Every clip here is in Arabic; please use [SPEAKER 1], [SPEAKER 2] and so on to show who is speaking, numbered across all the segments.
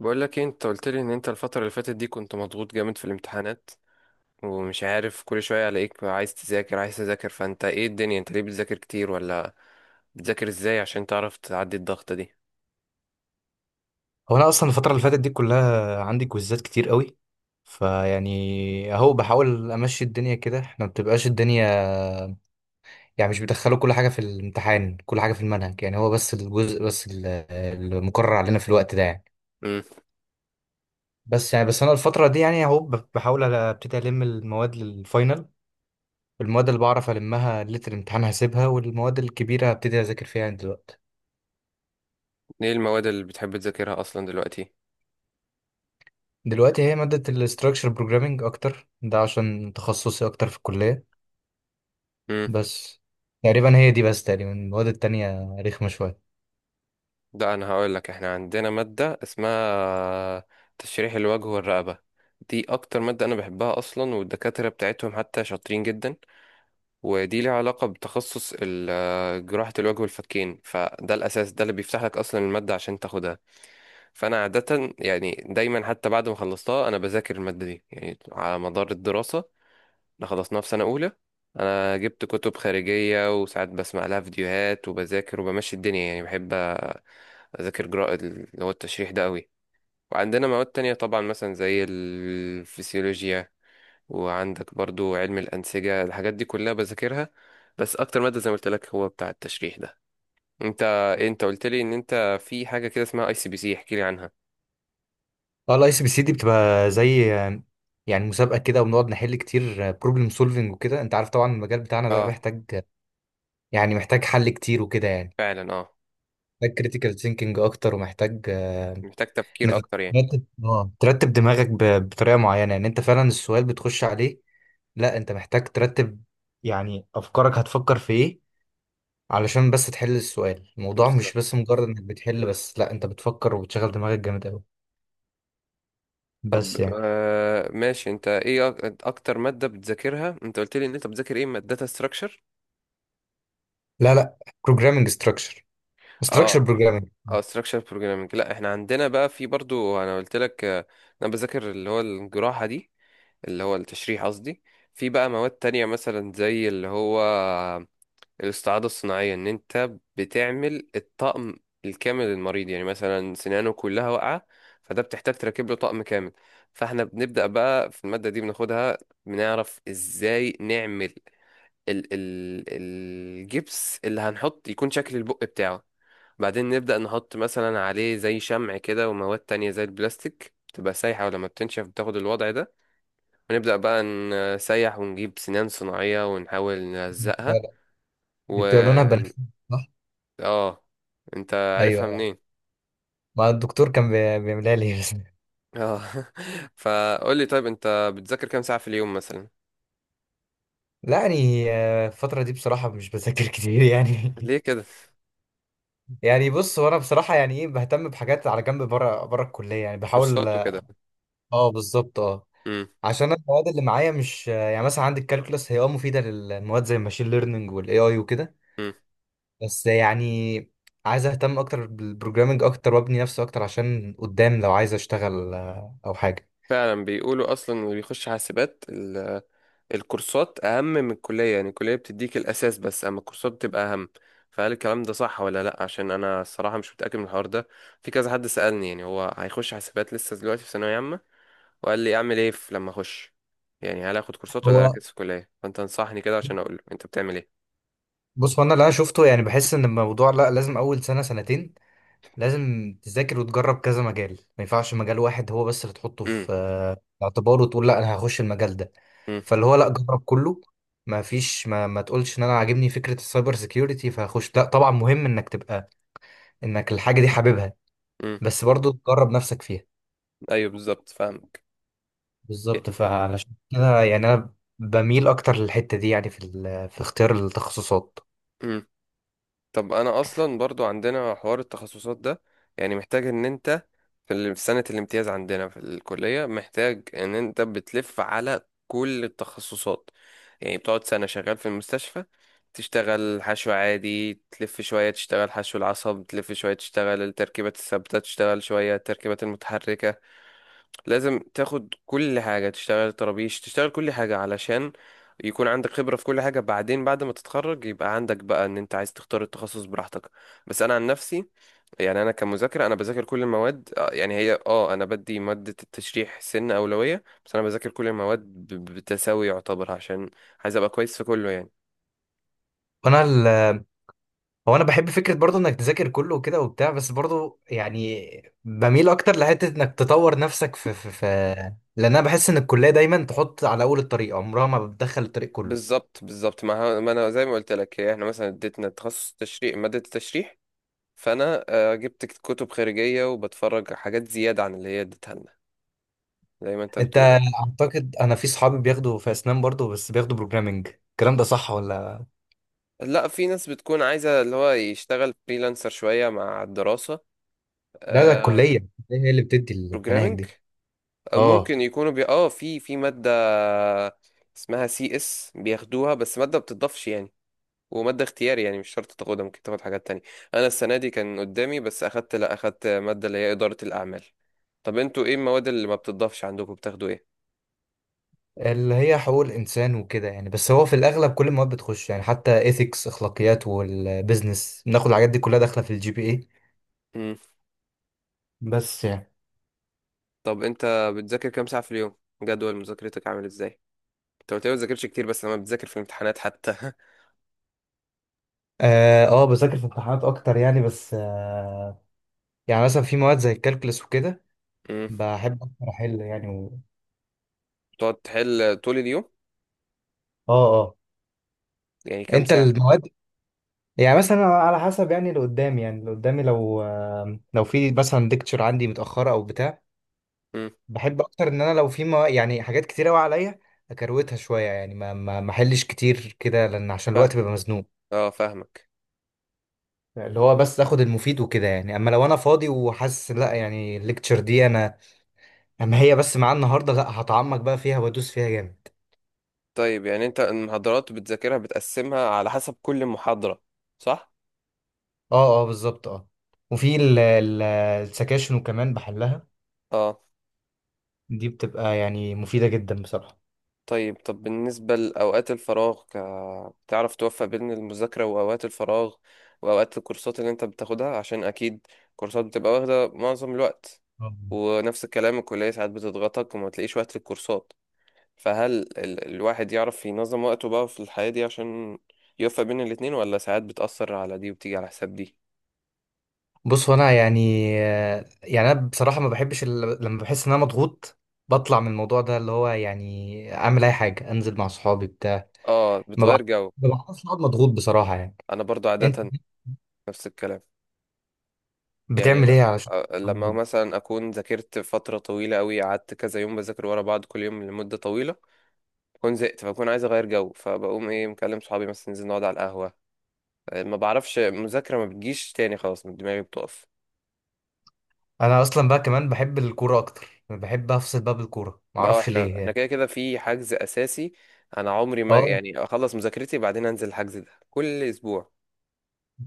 [SPEAKER 1] بقول لك إيه، انت قلت لي ان انت الفترة اللي فاتت دي كنت مضغوط جامد في الامتحانات، ومش عارف كل شوية الاقيك عايز تذاكر عايز تذاكر. فانت ايه الدنيا، انت ليه بتذاكر كتير ولا بتذاكر ازاي عشان تعرف تعدي الضغطة دي؟
[SPEAKER 2] هو انا اصلا الفتره اللي فاتت دي كلها عندي كويزات كتير قوي. فيعني اهو بحاول امشي الدنيا كده، احنا ما بتبقاش الدنيا يعني مش بيدخلوا كل حاجه في الامتحان، كل حاجه في المنهج يعني هو بس الجزء، بس المقرر علينا في الوقت ده يعني.
[SPEAKER 1] امم.
[SPEAKER 2] بس يعني بس انا الفتره دي يعني اهو بحاول ابتدي المواد للفاينل، المواد اللي بعرف المها ليله الامتحان هسيبها، والمواد الكبيره هبتدي اذاكر فيها يعني دلوقتي.
[SPEAKER 1] ايه المواد اللي بتحب تذاكرها اصلا دلوقتي؟
[SPEAKER 2] دلوقتي هي ماده الاستراكشر بروجرامنج اكتر، ده عشان تخصصي اكتر في الكليه.
[SPEAKER 1] امم.
[SPEAKER 2] بس تقريبا هي دي بس، تقريبا المواد التانية رخمة شوية.
[SPEAKER 1] ده انا هقول لك، احنا عندنا مادة اسمها تشريح الوجه والرقبة. دي اكتر مادة انا بحبها اصلا، والدكاترة بتاعتهم حتى شاطرين جدا. ودي ليها علاقة بتخصص جراحة الوجه والفكين، فده الأساس، ده اللي بيفتح لك أصلا المادة عشان تاخدها. فأنا عادة يعني دايما حتى بعد ما خلصتها، أنا بذاكر المادة دي يعني على مدار الدراسة. أنا خلصناها في سنة أولى. أنا جبت كتب خارجية وساعات بسمع لها فيديوهات وبذاكر وبمشي الدنيا، يعني بحب أذاكر جراءة اللي هو التشريح ده قوي. وعندنا مواد تانية طبعا مثلا زي الفسيولوجيا، وعندك برضو علم الأنسجة، الحاجات دي كلها بذاكرها. بس أكتر مادة زي ما قلت لك هو بتاع التشريح ده. أنت إيه، أنت قلت لي إن أنت في حاجة كده اسمها أي سي بي سي، احكي لي عنها.
[SPEAKER 2] اه الاي سي بي سي دي بتبقى زي، يعني مسابقة كده وبنقعد نحل كتير بروبلم سولفنج وكده، انت عارف طبعا المجال بتاعنا ده
[SPEAKER 1] أه.
[SPEAKER 2] محتاج، يعني محتاج حل كتير وكده يعني.
[SPEAKER 1] فعلا أه.
[SPEAKER 2] محتاج كريتيكال ثينكينج اكتر ومحتاج،
[SPEAKER 1] محتاج
[SPEAKER 2] ان
[SPEAKER 1] تفكير
[SPEAKER 2] أنت
[SPEAKER 1] أكتر يعني.
[SPEAKER 2] ترتب، ترتب دماغك بطريقة معينة يعني. انت فعلا السؤال بتخش عليه، لا انت محتاج ترتب يعني افكارك، هتفكر في ايه علشان بس تحل السؤال. الموضوع مش بس
[SPEAKER 1] بالظبط.
[SPEAKER 2] مجرد انك بتحل، بس لا انت بتفكر وبتشغل دماغك جامد قوي. بس يعني.
[SPEAKER 1] آه ماشي، أنت إيه أكتر مادة بتذاكرها؟ أنت قلت لي إن أنت بتذاكر إيه، مادة داتا ستراكشر؟
[SPEAKER 2] لا لا. programming structure.
[SPEAKER 1] أه.
[SPEAKER 2] structure programming.
[SPEAKER 1] اه ستراكشر بروجرامنج، لا احنا عندنا بقى في برضو، انا قلت لك، انا بذاكر اللي هو الجراحه دي، اللي هو التشريح قصدي. في بقى مواد تانية مثلا زي اللي هو الاستعاضة الصناعية، ان انت بتعمل الطقم الكامل للمريض، يعني مثلا سنانه كلها واقعة، فده بتحتاج تركب له طقم كامل. فاحنا بنبدأ بقى في المادة دي، بناخدها، بنعرف ازاي نعمل ال الجبس اللي هنحط يكون شكل البق بتاعه. بعدين نبدأ نحط مثلا عليه زي شمع كده، ومواد تانية زي البلاستيك بتبقى سايحة ولما بتنشف بتاخد الوضع ده. هنبدأ بقى نسيح ونجيب سنان صناعية ونحاول
[SPEAKER 2] لا
[SPEAKER 1] نلزقها.
[SPEAKER 2] لا، دي
[SPEAKER 1] و
[SPEAKER 2] بتبقى لونها بنفسجي، صح.
[SPEAKER 1] اه، انت
[SPEAKER 2] ايوه
[SPEAKER 1] عارفها
[SPEAKER 2] ايوه،
[SPEAKER 1] منين؟
[SPEAKER 2] ما الدكتور كان بيعملها لي بس.
[SPEAKER 1] اه. فقول لي، طيب انت بتذاكر كام ساعة في اليوم مثلا؟
[SPEAKER 2] لا يعني، الفترة دي بصراحة مش بذاكر كتير يعني.
[SPEAKER 1] ليه كده؟
[SPEAKER 2] يعني بص، وانا بصراحة يعني ايه، بهتم بحاجات على جنب، بره بره الكلية يعني بحاول.
[SPEAKER 1] كورسات وكده؟
[SPEAKER 2] اه بالظبط اه.
[SPEAKER 1] امم.
[SPEAKER 2] عشان أنا المواد اللي معايا مش يعني، مثلا عندي الكالكولس هي اه مفيدة للمواد زي الماشين ليرنينج والاي اي وكده.
[SPEAKER 1] امم.
[SPEAKER 2] بس يعني عايز اهتم اكتر بالبروجرامنج اكتر، وابني نفسي اكتر عشان قدام لو عايز اشتغل، او حاجه.
[SPEAKER 1] فعلا، بيقولوا اصلا اللي بيخش حاسبات الكورسات اهم من الكلية، يعني الكلية بتديك الاساس بس اما الكورسات بتبقى اهم. فهل الكلام ده صح ولا لا؟ عشان انا الصراحة مش متأكد من الحوار ده. في كذا حد سألني يعني هو هيخش حاسبات لسه دلوقتي في ثانوية عامة، وقال لي اعمل ايه لما اخش، يعني هل اخد كورسات ولا
[SPEAKER 2] هو
[SPEAKER 1] اركز في الكليه؟ فانت انصحني كده عشان اقول له انت بتعمل ايه.
[SPEAKER 2] بص، هو انا اللي انا شفته يعني بحس ان الموضوع لا، لازم اول سنه سنتين لازم تذاكر وتجرب كذا مجال. ما ينفعش مجال واحد هو بس اللي تحطه
[SPEAKER 1] امم.
[SPEAKER 2] في، الاعتبار وتقول لا انا هخش المجال ده.
[SPEAKER 1] امم.
[SPEAKER 2] فاللي هو لا، جرب كله. ما فيش، ما تقولش ان انا عاجبني فكره السايبر سيكيورتي فهخش. لا طبعا مهم انك تبقى، انك الحاجه دي حاببها،
[SPEAKER 1] امم.
[SPEAKER 2] بس برضو تجرب نفسك فيها.
[SPEAKER 1] ايوه بالظبط، فاهمك.
[SPEAKER 2] بالظبط. فعلشان كده يعني انا بميل اكتر للحته دي يعني، في في اختيار التخصصات.
[SPEAKER 1] امم. طب انا اصلا برضو عندنا حوار التخصصات ده، يعني محتاج ان انت في سنه الامتياز عندنا في الكليه محتاج ان انت بتلف على كل التخصصات. يعني بتقعد سنه شغال في المستشفى، تشتغل حشو عادي، تلف شوية، تشتغل حشو العصب، تلف شوية، تشتغل التركيبات الثابتة، تشتغل شوية التركيبات المتحركة. لازم تاخد كل حاجة، تشتغل طرابيش، تشتغل كل حاجة علشان يكون عندك خبرة في كل حاجة. بعدين بعد ما تتخرج يبقى عندك بقى ان انت عايز تختار التخصص براحتك. بس انا عن نفسي، يعني انا كمذاكرة انا بذاكر كل المواد، يعني هي انا بدي مادة التشريح سن اولوية، بس انا بذاكر كل المواد بتساوي يعتبر، عشان عايز ابقى كويس في كله يعني.
[SPEAKER 2] وانا هو انا بحب فكره برضو انك تذاكر كله وكده وبتاع، بس برضو يعني بميل اكتر لحته انك تطور نفسك في لان انا بحس ان الكليه دايما تحط على اول الطريق، عمرها ما بتدخل الطريق كله.
[SPEAKER 1] بالظبط بالظبط. ما انا زي ما قلت لك، هي احنا مثلا اديتنا تخصص تشريح مادة التشريح، فانا جبت كتب خارجيه وبتفرج على حاجات زياده عن اللي هي اديتها لنا، زي ما انت
[SPEAKER 2] انت
[SPEAKER 1] بتقول.
[SPEAKER 2] اعتقد انا في صحابي بياخدوا في اسنان برضو، بس بياخدوا بروجرامنج، الكلام ده صح ولا؟
[SPEAKER 1] لا، في ناس بتكون عايزه اللي هو يشتغل فريلانسر شويه مع الدراسه.
[SPEAKER 2] لا ده
[SPEAKER 1] آه.
[SPEAKER 2] الكليه هي اللي بتدي المناهج
[SPEAKER 1] بروجرامنج،
[SPEAKER 2] دي. اه
[SPEAKER 1] ممكن يكونوا بي... اه في ماده اسمها سي اس بياخدوها، بس ماده بتضافش يعني. وماده اختياري، يعني مش شرط تاخدها، ممكن تاخد حاجات تانية. انا السنه دي كان قدامي بس اخدت، لا، اخدت ماده اللي هي اداره الاعمال. طب انتوا ايه المواد اللي ما بتضافش عندكم، بتاخدوا ايه؟
[SPEAKER 2] اللي هي حقوق الإنسان وكده يعني، بس هو في الأغلب كل المواد بتخش يعني، حتى ethics أخلاقيات والبيزنس بناخد الحاجات دي كلها داخلة في الجي بي إيه. بس يعني.
[SPEAKER 1] طب انت بتذاكر كام ساعة في اليوم؟ جدول مذاكرتك عامل ازاي؟ انت قلت لي ما بتذاكرش كتير بس لما بتذاكر في الامتحانات حتى.
[SPEAKER 2] آه، بذاكر في امتحانات أكتر يعني، بس آه يعني مثلا في مواد زي الكالكولس وكده.
[SPEAKER 1] امم.
[SPEAKER 2] بحب أكتر أحل يعني،
[SPEAKER 1] تقعد تحل طول اليوم؟
[SPEAKER 2] آه آه.
[SPEAKER 1] يعني كام
[SPEAKER 2] أنت
[SPEAKER 1] ساعة؟
[SPEAKER 2] المواد يعني مثلا على حسب يعني اللي قدامي، يعني اللي قدامي لو آه لو في مثلا ديكتشر عندي متأخرة أو بتاع.
[SPEAKER 1] امم.
[SPEAKER 2] بحب اكتر ان انا لو في، ما يعني حاجات كتير قوي عليا، اكروتها شويه يعني. ما احلش كتير كده، لان عشان
[SPEAKER 1] فاهم.
[SPEAKER 2] الوقت بيبقى مزنوق.
[SPEAKER 1] اه فاهمك.
[SPEAKER 2] اللي هو بس اخد المفيد وكده يعني. اما لو انا فاضي وحاسس لا يعني الليكتشر دي انا، اما هي بس معايا النهارده، لا هتعمق بقى فيها وادوس فيها جامد.
[SPEAKER 1] طيب يعني انت المحاضرات بتذاكرها، بتقسمها على حسب كل محاضرة، صح؟
[SPEAKER 2] اه اه بالظبط اه. وفي السكاشن وكمان بحلها،
[SPEAKER 1] اه.
[SPEAKER 2] دي بتبقى يعني مفيدة جدا بصراحة.
[SPEAKER 1] طيب، طب بالنسبة لأوقات الفراغ، بتعرف توفق بين المذاكرة وأوقات الفراغ وأوقات الكورسات اللي أنت بتاخدها؟ عشان أكيد كورسات بتبقى واخدة معظم الوقت،
[SPEAKER 2] آه.
[SPEAKER 1] ونفس الكلام الكلية ساعات بتضغطك وما تلاقيش وقت للكورسات. فهل الواحد يعرف ينظم وقته بقى في الحياة دي عشان يوفق بين الاتنين، ولا ساعات بتأثر على دي وبتيجي على حساب دي؟
[SPEAKER 2] بص هو انا يعني، يعني انا بصراحه ما بحبش لما بحس ان انا مضغوط بطلع من الموضوع ده اللي هو يعني اعمل اي حاجه، انزل مع صحابي بتاع.
[SPEAKER 1] آه
[SPEAKER 2] ما بع-
[SPEAKER 1] بتغير جو.
[SPEAKER 2] ما بعرفش اقعد مضغوط بصراحه يعني.
[SPEAKER 1] أنا برضو
[SPEAKER 2] انت
[SPEAKER 1] عادة نفس الكلام، يعني
[SPEAKER 2] بتعمل ايه علشان تبقى
[SPEAKER 1] لما
[SPEAKER 2] مضغوط؟
[SPEAKER 1] مثلا اكون ذاكرت فتره طويله قوي، قعدت كذا يوم بذاكر ورا بعض كل يوم لمده طويله، بكون زهقت. فبكون عايز اغير جو، فبقوم ايه مكلم صحابي مثلا ننزل نقعد على القهوه. ما بعرفش، مذاكره ما بتجيش تاني، خلاص من دماغي بتقف.
[SPEAKER 2] انا اصلا بقى كمان بحب الكوره اكتر، بحب افصل بقى بالكوره، ما
[SPEAKER 1] بقى
[SPEAKER 2] اعرفش
[SPEAKER 1] احنا
[SPEAKER 2] ليه يعني.
[SPEAKER 1] كده كده في حجز اساسي، انا عمري ما
[SPEAKER 2] اه
[SPEAKER 1] يعني اخلص مذاكرتي بعدين انزل، الحجز ده كل اسبوع.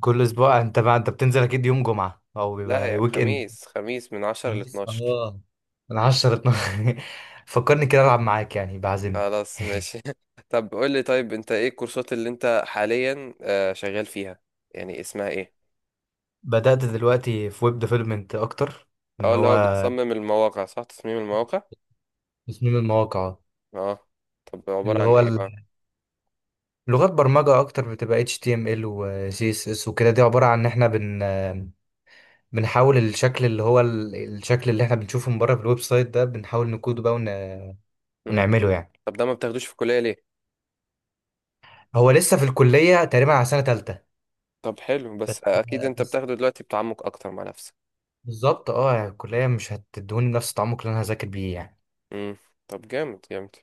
[SPEAKER 2] كل اسبوع. انت بقى انت بتنزل اكيد يوم جمعه او
[SPEAKER 1] لا،
[SPEAKER 2] بيبقى
[SPEAKER 1] يا
[SPEAKER 2] ويك اند.
[SPEAKER 1] خميس خميس من 10 ل 12.
[SPEAKER 2] اه انا 10 12 فكرني كده العب معاك، يعني بعزمني.
[SPEAKER 1] خلاص ماشي. طب قول لي، طيب انت ايه الكورسات اللي انت حاليا، شغال فيها، يعني اسمها ايه؟
[SPEAKER 2] بدأت دلوقتي في ويب ديفلوبمنت أكتر. إن
[SPEAKER 1] اه، اللي
[SPEAKER 2] هو
[SPEAKER 1] هو بتصمم المواقع، صح، تصميم المواقع.
[SPEAKER 2] تصميم المواقع.
[SPEAKER 1] اه. طب عبارة
[SPEAKER 2] اللي
[SPEAKER 1] عن
[SPEAKER 2] هو
[SPEAKER 1] ايه بقى؟
[SPEAKER 2] لغات برمجة أكتر، بتبقى HTML و CSS وكده. دي عبارة عن إن إحنا بنحاول الشكل اللي هو الشكل اللي إحنا بنشوفه من بره في الويب سايت ده، بنحاول نكوده بقى
[SPEAKER 1] مم.
[SPEAKER 2] ونعمله يعني.
[SPEAKER 1] طب ده ما بتاخدوش في الكلية ليه؟
[SPEAKER 2] هو لسه في الكلية تقريبا على سنة تالتة.
[SPEAKER 1] طب حلو، بس اكيد انت
[SPEAKER 2] بس
[SPEAKER 1] بتاخده دلوقتي بتعمق اكتر مع نفسك.
[SPEAKER 2] بالظبط اه، يعني الكلية مش هتدوني نفس التعمق اللي أنا هذاكر بيه يعني.
[SPEAKER 1] مم. طب جامد جامد.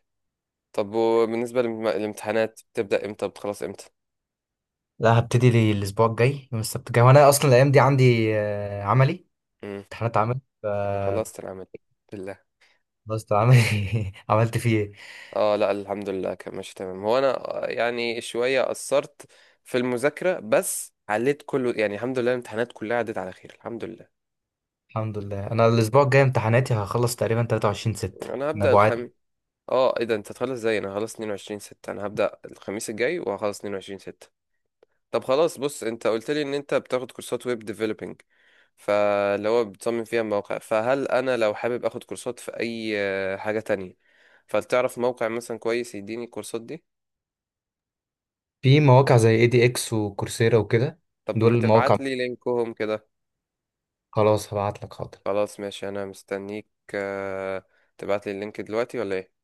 [SPEAKER 1] طب وبالنسبة للامتحانات، بتبدأ امتى، بتخلص امتى؟
[SPEAKER 2] لا هبتدي لي الأسبوع الجاي يوم السبت الجاي، وأنا أصلا الأيام دي عندي، عملي،
[SPEAKER 1] مم.
[SPEAKER 2] امتحانات عمل.
[SPEAKER 1] انا خلصت العمل. بالله؟
[SPEAKER 2] خلصت عامل عملت فيه ايه.
[SPEAKER 1] اه، لا الحمد لله كان ماشي تمام. هو انا يعني شوية قصرت في المذاكرة بس عليت كله، يعني الحمد لله الامتحانات كلها عدت على خير، الحمد لله.
[SPEAKER 2] الحمد لله، انا الاسبوع الجاي امتحاناتي هخلص تقريبا 23 6.
[SPEAKER 1] انا هبدأ
[SPEAKER 2] نبوعات.
[SPEAKER 1] الخميس. اه ايه ده، انت هتخلص ازاي؟ انا هخلص 22 6. انا هبدأ الخميس الجاي وهخلص 22 6. طب خلاص، بص، انت قلت لي ان انت بتاخد كورسات ويب ديفلوبينج، فاللي هو بتصمم فيها مواقع. فهل انا لو حابب اخد كورسات في اي حاجة تانية، فلتعرف موقع مثلا كويس يديني الكورسات دي؟
[SPEAKER 2] في مواقع زي اي دي اكس وكورسيرا وكده،
[SPEAKER 1] طب ما
[SPEAKER 2] دول المواقع.
[SPEAKER 1] تبعت لي لينكهم كده.
[SPEAKER 2] خلاص هبعت لك حاضر.
[SPEAKER 1] خلاص ماشي، انا مستنيك. آه، تبعت لي اللينك دلوقتي ولا ايه؟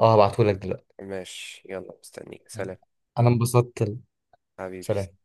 [SPEAKER 2] اه هبعته لك دلوقتي.
[SPEAKER 1] ماشي، يلا مستنيك، سلام.
[SPEAKER 2] انا انبسطت.
[SPEAKER 1] حبيبي.
[SPEAKER 2] سلام.